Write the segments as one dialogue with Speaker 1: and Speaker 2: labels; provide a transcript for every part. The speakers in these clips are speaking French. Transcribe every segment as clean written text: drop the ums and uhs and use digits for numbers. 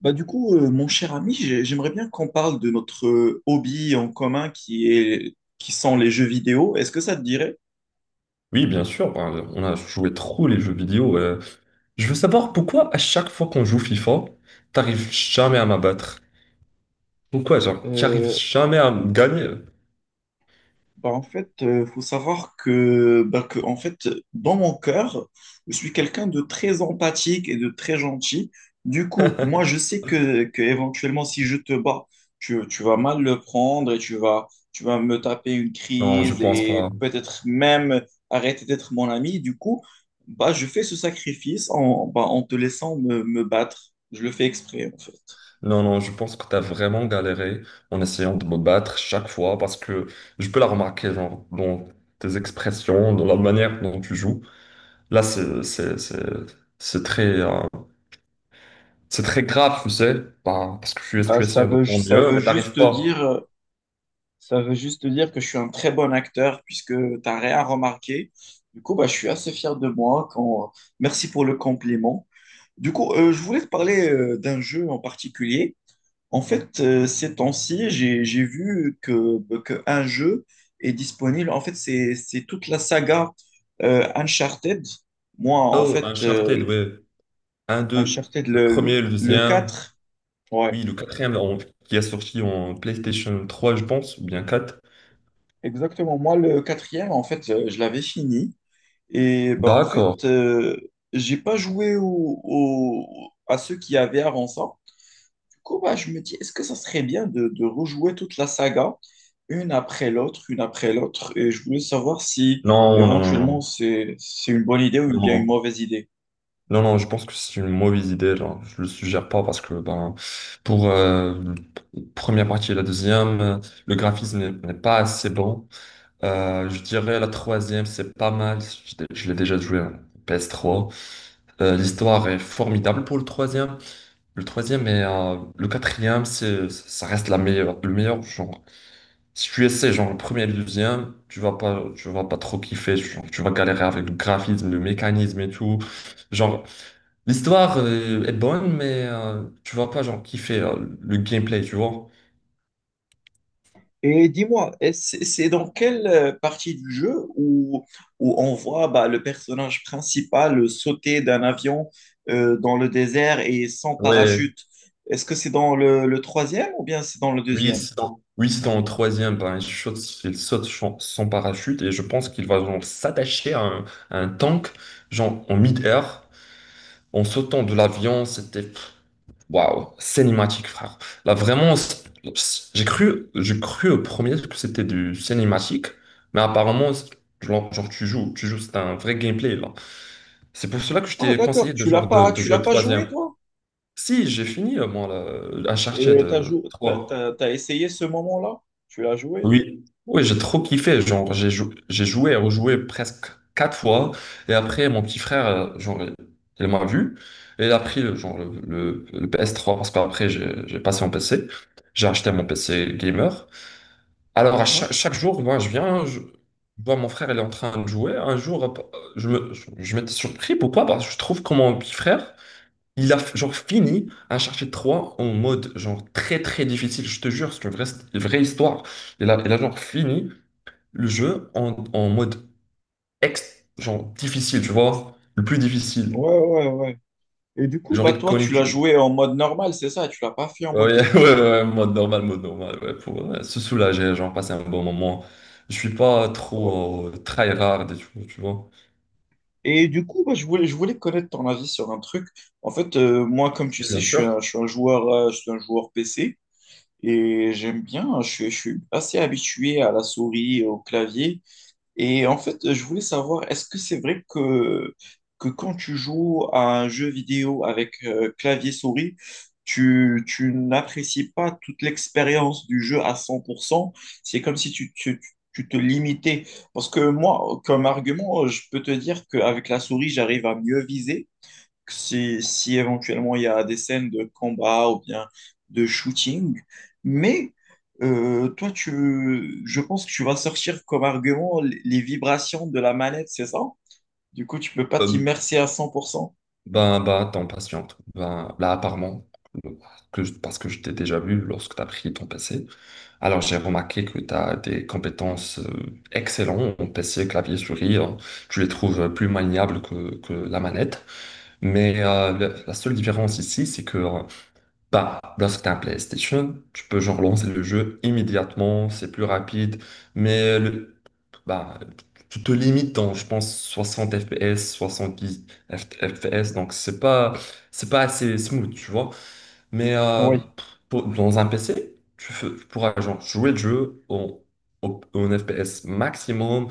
Speaker 1: Mon cher ami, j'aimerais bien qu'on parle de notre hobby en commun qui sont les jeux vidéo. Est-ce que ça te dirait?
Speaker 2: Oui, bien sûr, ben, on a joué trop les jeux vidéo. Je veux savoir pourquoi à chaque fois qu'on joue FIFA, t'arrives jamais à m'abattre. Pourquoi, genre, t'arrives
Speaker 1: Euh,
Speaker 2: jamais à me gagner?
Speaker 1: En fait, il faut savoir que en fait, dans mon cœur, je suis quelqu'un de très empathique et de très gentil. Du coup, moi, je sais que éventuellement, si je te bats, tu vas mal le prendre et tu vas me taper une
Speaker 2: Non, je
Speaker 1: crise
Speaker 2: pense
Speaker 1: et
Speaker 2: pas.
Speaker 1: peut-être même arrêter d'être mon ami. Du coup, bah, je fais ce sacrifice en te laissant me battre. Je le fais exprès, en fait.
Speaker 2: Non, non, je pense que t'as vraiment galéré en essayant de me battre chaque fois parce que je peux la remarquer, genre, dans tes expressions, dans la manière dont tu joues. Là, c'est très, c'est très grave, tu sais. Ben, parce que tu essaies de ton
Speaker 1: Ça
Speaker 2: mieux,
Speaker 1: veut
Speaker 2: mais
Speaker 1: juste
Speaker 2: t'arrives
Speaker 1: te
Speaker 2: pas.
Speaker 1: dire. Ça veut juste dire que je suis un très bon acteur puisque tu n'as rien remarqué. Du coup, bah, je suis assez fier de moi. Quand... Merci pour le compliment. Du coup, je voulais te parler d'un jeu en particulier. En fait, ces temps-ci, j'ai vu que, un jeu est disponible. En fait, c'est toute la saga Uncharted. Moi, en
Speaker 2: Oh,
Speaker 1: fait,
Speaker 2: Uncharted, ouais. Un, deux,
Speaker 1: Uncharted,
Speaker 2: le premier, le
Speaker 1: le
Speaker 2: deuxième,
Speaker 1: 4. Ouais,
Speaker 2: oui, le quatrième qui a sorti en PlayStation trois, je pense, ou bien 4.
Speaker 1: exactement. Moi, le quatrième, en fait, je l'avais fini. Et bah, en fait,
Speaker 2: D'accord.
Speaker 1: j'ai pas joué à ceux qui avaient avant ça. Du coup, bah, je me dis, est-ce que ça serait bien de rejouer toute la saga, une après l'autre, une après l'autre? Et je voulais savoir si
Speaker 2: Non, non,
Speaker 1: éventuellement
Speaker 2: non,
Speaker 1: c'est une bonne idée ou
Speaker 2: non, non,
Speaker 1: bien une
Speaker 2: non,
Speaker 1: mauvaise idée.
Speaker 2: non, je pense que c'est une mauvaise idée, genre, je le suggère pas parce que ben, pour la première partie et la deuxième, le graphisme n'est pas assez bon. Je dirais la troisième, c'est pas mal, je l'ai déjà joué en PS3. L'histoire est formidable pour le troisième. Le troisième et le quatrième, c'est, ça reste la meilleure, le meilleur genre. Si tu essaies genre le premier et le deuxième, tu vas pas trop kiffer. Genre, tu vas galérer avec le graphisme, le mécanisme et tout. Genre, l'histoire est bonne, mais tu vas pas genre kiffer le gameplay, tu vois.
Speaker 1: Et dis-moi, et c'est dans quelle partie du jeu où on voit bah, le personnage principal sauter d'un avion dans le désert et sans
Speaker 2: Ouais,
Speaker 1: parachute? Est-ce que c'est dans le troisième ou bien c'est dans le
Speaker 2: oui,
Speaker 1: deuxième?
Speaker 2: oui, c'est dans le troisième, ben, il saute sans parachute et je pense qu'il va genre s'attacher à un tank, genre en mid-air, en sautant de l'avion, c'était. Waouh, cinématique, frère. Là, vraiment, j'ai cru au premier que c'était du cinématique, mais apparemment, genre, tu joues, c'est un vrai gameplay, là. C'est pour cela que je
Speaker 1: Ah,
Speaker 2: t'ai conseillé
Speaker 1: d'accord,
Speaker 2: de, genre, de
Speaker 1: tu
Speaker 2: jouer
Speaker 1: l'as
Speaker 2: le
Speaker 1: pas joué,
Speaker 2: troisième.
Speaker 1: toi?
Speaker 2: Si, j'ai fini, moi, là, Uncharted
Speaker 1: Et t'as jou- t'as,
Speaker 2: 3.
Speaker 1: t'as- t'as essayé ce moment-là? Tu l'as joué?
Speaker 2: Oui, oui, j'ai trop kiffé. Genre, j'ai joué et rejoué presque 4 fois. Et après, mon petit frère, genre, il m'a vu. Et il a pris le, genre, le PS3 parce qu'après, j'ai passé mon PC. J'ai acheté mon PC gamer. Alors, à
Speaker 1: Hein.
Speaker 2: chaque jour, moi, je viens, je vois mon frère, il est en train de jouer. Un jour, je m'étais surpris. Pourquoi? Parce que je trouve que mon petit frère, il a genre fini Uncharted 3 en mode genre très très difficile. Je te jure, une vraie histoire. Il a genre fini le jeu en, en mode genre difficile, tu vois, le plus difficile.
Speaker 1: Ouais, ouais, ouais. Et du coup,
Speaker 2: Genre,
Speaker 1: bah,
Speaker 2: il te
Speaker 1: toi,
Speaker 2: connaît
Speaker 1: tu l'as
Speaker 2: tout.
Speaker 1: joué en mode normal, c'est ça? Tu l'as pas fait en
Speaker 2: Ouais,
Speaker 1: mode difficile.
Speaker 2: ouais, mode normal, ouais, pour se soulager, genre passer un bon moment. Je suis pas trop tryhard et tout, tu vois.
Speaker 1: Et du coup, bah, je voulais connaître ton avis sur un truc. En fait, moi, comme tu
Speaker 2: Et
Speaker 1: sais,
Speaker 2: bien sûr,
Speaker 1: je suis un joueur, je suis un joueur PC et j'aime bien, je suis assez habitué à la souris, au clavier. Et en fait, je voulais savoir, est-ce que c'est vrai que quand tu joues à un jeu vidéo avec clavier-souris, tu n'apprécies pas toute l'expérience du jeu à cent pour cent. C'est comme si tu te limitais. Parce que moi, comme argument, je peux te dire qu'avec la souris, j'arrive à mieux viser, si éventuellement il y a des scènes de combat ou bien de shooting. Mais toi, tu, je pense que tu vas sortir comme argument les vibrations de la manette, c'est ça? Du coup, tu peux pas
Speaker 2: euh,
Speaker 1: t'immerser à cent pour cent.
Speaker 2: ben, attends, patiente. Ben, là, apparemment, euh, parce que je t'ai déjà vu lorsque tu as pris ton PC, alors j'ai remarqué que tu as des compétences excellentes en PC, clavier, souris, hein. Tu les trouves plus maniables que la manette. Mais la seule différence ici, c'est que bah, lorsque tu as un PlayStation, tu peux genre lancer le jeu immédiatement, c'est plus rapide, mais bah, tu te limites dans, je pense, 60 FPS, 70 F- FPS, donc c'est pas assez smooth, tu vois. Mais
Speaker 1: Oui,
Speaker 2: pour- dans un PC, tu pourras genre jouer le jeu en, en FPS maximum,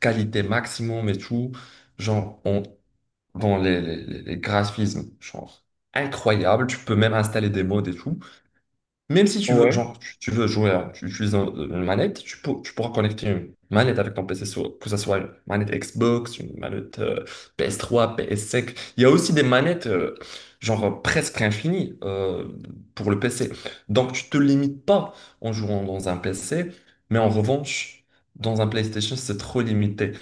Speaker 2: qualité maximum et tout. Genre, dans les, les graphismes, genre incroyable. Tu peux même installer des mods et tout. Même si tu veux,
Speaker 1: ouais,
Speaker 2: genre, tu veux jouer, hein, tu utilises une manette, tu pourras connecter une manette avec ton PC, sur- que ce soit une manette Xbox, une manette PS3, PS5. Il y a aussi des manettes, presque infinies pour le PC. Donc tu te limites pas en jouant dans un PC, mais en revanche, dans un PlayStation, c'est trop limité.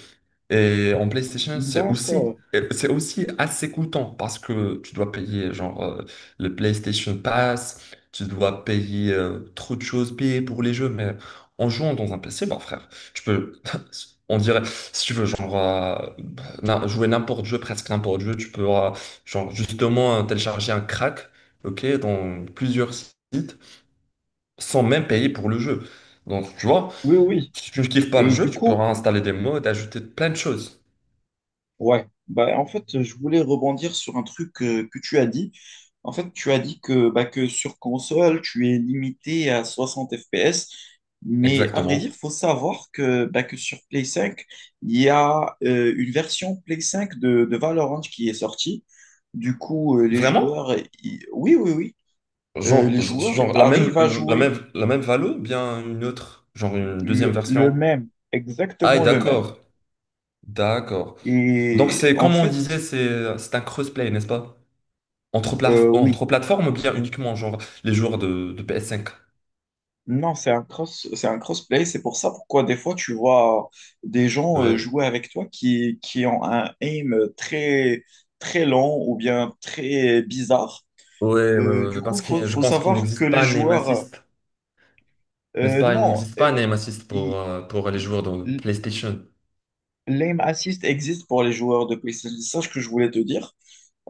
Speaker 2: Et en PlayStation,
Speaker 1: d'accord.
Speaker 2: c'est aussi assez coûteux parce que tu dois payer genre le PlayStation Pass, tu dois payer trop de choses, payer pour les jeux, mais en jouant dans un PC, bah frère, tu peux, on dirait, si tu veux, genre jouer n'importe jeu, presque n'importe jeu, tu peux genre justement télécharger un crack, ok, dans plusieurs sites, sans même payer pour le jeu. Donc tu vois,
Speaker 1: Oui, oui.
Speaker 2: si tu ne kiffes pas le
Speaker 1: Et
Speaker 2: jeu,
Speaker 1: du
Speaker 2: tu peux
Speaker 1: coup,
Speaker 2: installer des mods, ajouter plein de choses.
Speaker 1: ouais, bah, en fait, je voulais rebondir sur un truc que tu as dit. En fait, tu as dit que, sur console, tu es limité à 60 FPS. Mais à vrai
Speaker 2: Exactement.
Speaker 1: dire, faut savoir que sur Play 5, il y a une version Play 5 de Valorant qui est sortie. Du coup, les
Speaker 2: Vraiment?
Speaker 1: joueurs, ils- oui, oui, oui, euh,
Speaker 2: Genre,
Speaker 1: les joueurs
Speaker 2: genre la même,
Speaker 1: arrivent à jouer
Speaker 2: la même Valo, bien une autre, genre une deuxième
Speaker 1: le
Speaker 2: version.
Speaker 1: même,
Speaker 2: Ah, et
Speaker 1: exactement le même.
Speaker 2: d'accord. D'accord. Donc
Speaker 1: Et
Speaker 2: c'est,
Speaker 1: en
Speaker 2: comme on
Speaker 1: fait,
Speaker 2: disait, c'est un crossplay, n'est-ce pas? Entre,
Speaker 1: oui,
Speaker 2: entre plateformes ou bien uniquement genre les joueurs de PS5.
Speaker 1: non, c'est un crossplay. C'est pour ça pourquoi des fois tu vois des gens
Speaker 2: Ouais.
Speaker 1: jouer avec toi qui ont un aim très, très lent ou bien très bizarre. Du
Speaker 2: Ouais,
Speaker 1: coup,
Speaker 2: parce que je
Speaker 1: faut
Speaker 2: pense qu'il
Speaker 1: savoir que
Speaker 2: n'existe
Speaker 1: les
Speaker 2: pas un aim
Speaker 1: joueurs,
Speaker 2: assist, n'est-ce pas? Il
Speaker 1: non,
Speaker 2: n'existe pas un aim assist
Speaker 1: ils-
Speaker 2: pour les joueurs de PlayStation.
Speaker 1: l'aim assist existe pour les joueurs de PlayStation. C'est ça ce que je voulais te dire.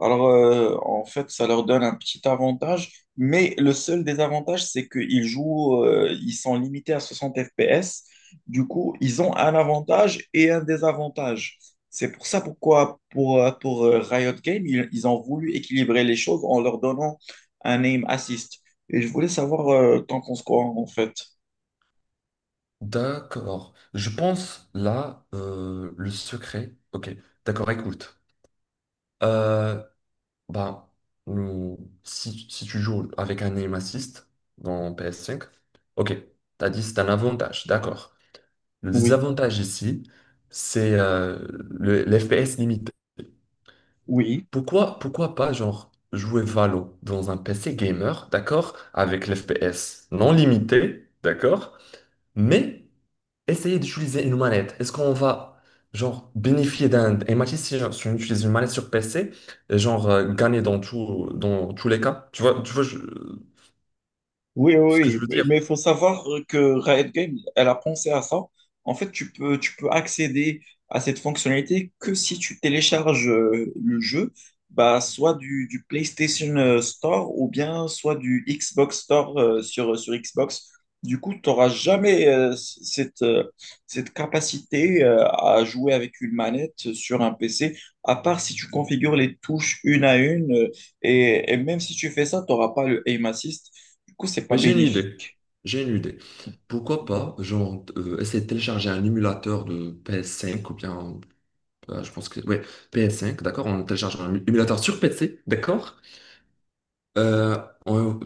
Speaker 1: Alors, en fait, ça leur donne un petit avantage, mais le seul désavantage, c'est qu'ils jouent, ils sont limités à 60 FPS. Du coup, ils ont un avantage et un désavantage. C'est pour ça pourquoi, pour Riot Games, ils ont voulu équilibrer les choses en leur donnant un aim assist. Et je voulais savoir, t'en penses quoi, en fait?
Speaker 2: D'accord. Je pense là, le secret. Ok, d'accord, écoute. Euh, bah, hmm, si tu joues avec un aim assist dans PS5, ok, t'as dit c'est un avantage, d'accord. Le
Speaker 1: Oui,
Speaker 2: désavantage ici, c'est l'FPS limité.
Speaker 1: oui.
Speaker 2: Pourquoi pas, genre, jouer Valo dans un PC gamer, d'accord, avec l'FPS non limité, d'accord, mais essayez d'utiliser une manette. Est-ce qu'on va genre bénéficier d'un et match si genre, si on utilise une manette sur PC, et, genre gagner dans tout, dans tous les cas? Tu vois
Speaker 1: Oui,
Speaker 2: ce que je
Speaker 1: oui,
Speaker 2: veux
Speaker 1: oui,
Speaker 2: dire?
Speaker 1: mais il faut savoir que Riot Games, elle a pensé à ça. En fait, tu peux accéder à cette fonctionnalité que si tu télécharges le jeu, bah, soit du PlayStation Store ou bien soit du Xbox Store sur, sur Xbox. Du coup, tu n'auras jamais c- cette, cette capacité à jouer avec une manette sur un PC, à part si tu configures les touches une à une. Euh, et même si tu fais ça, tu n'auras pas le aim assist. Du coup, c'est pas
Speaker 2: Mais j'ai une idée.
Speaker 1: bénéfique.
Speaker 2: J'ai une idée. Pourquoi pas, genre, essayer de télécharger un émulateur de PS5 ou bien, je pense que, ouais, PS5, d'accord? On télécharge un émulateur sur PC, d'accord? Euh, on-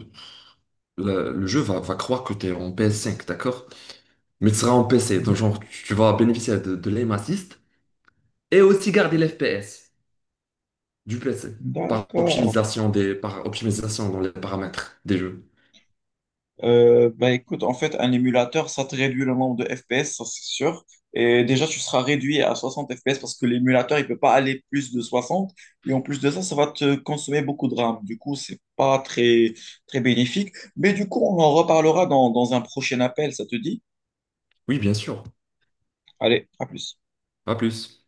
Speaker 2: le jeu va croire que tu es en PS5, d'accord? Mais tu seras en PC. Donc,
Speaker 1: Mhm.
Speaker 2: genre, tu vas bénéficier de l'aim assist et aussi garder l'FPS du PC par
Speaker 1: D'accord.
Speaker 2: optimisation des, par optimisation dans les paramètres des jeux.
Speaker 1: Bah écoute, en fait, un émulateur, ça te réduit le nombre de FPS, ça c'est sûr. Et déjà, tu seras réduit à 60 FPS parce que l'émulateur, il peut pas aller plus de 60. Et en plus de ça, ça va te consommer beaucoup de RAM. Du coup, c'est pas très, très bénéfique. Mais du coup, on en reparlera dans un prochain appel, ça te dit?
Speaker 2: Oui, bien sûr.
Speaker 1: Allez, à plus.
Speaker 2: À plus.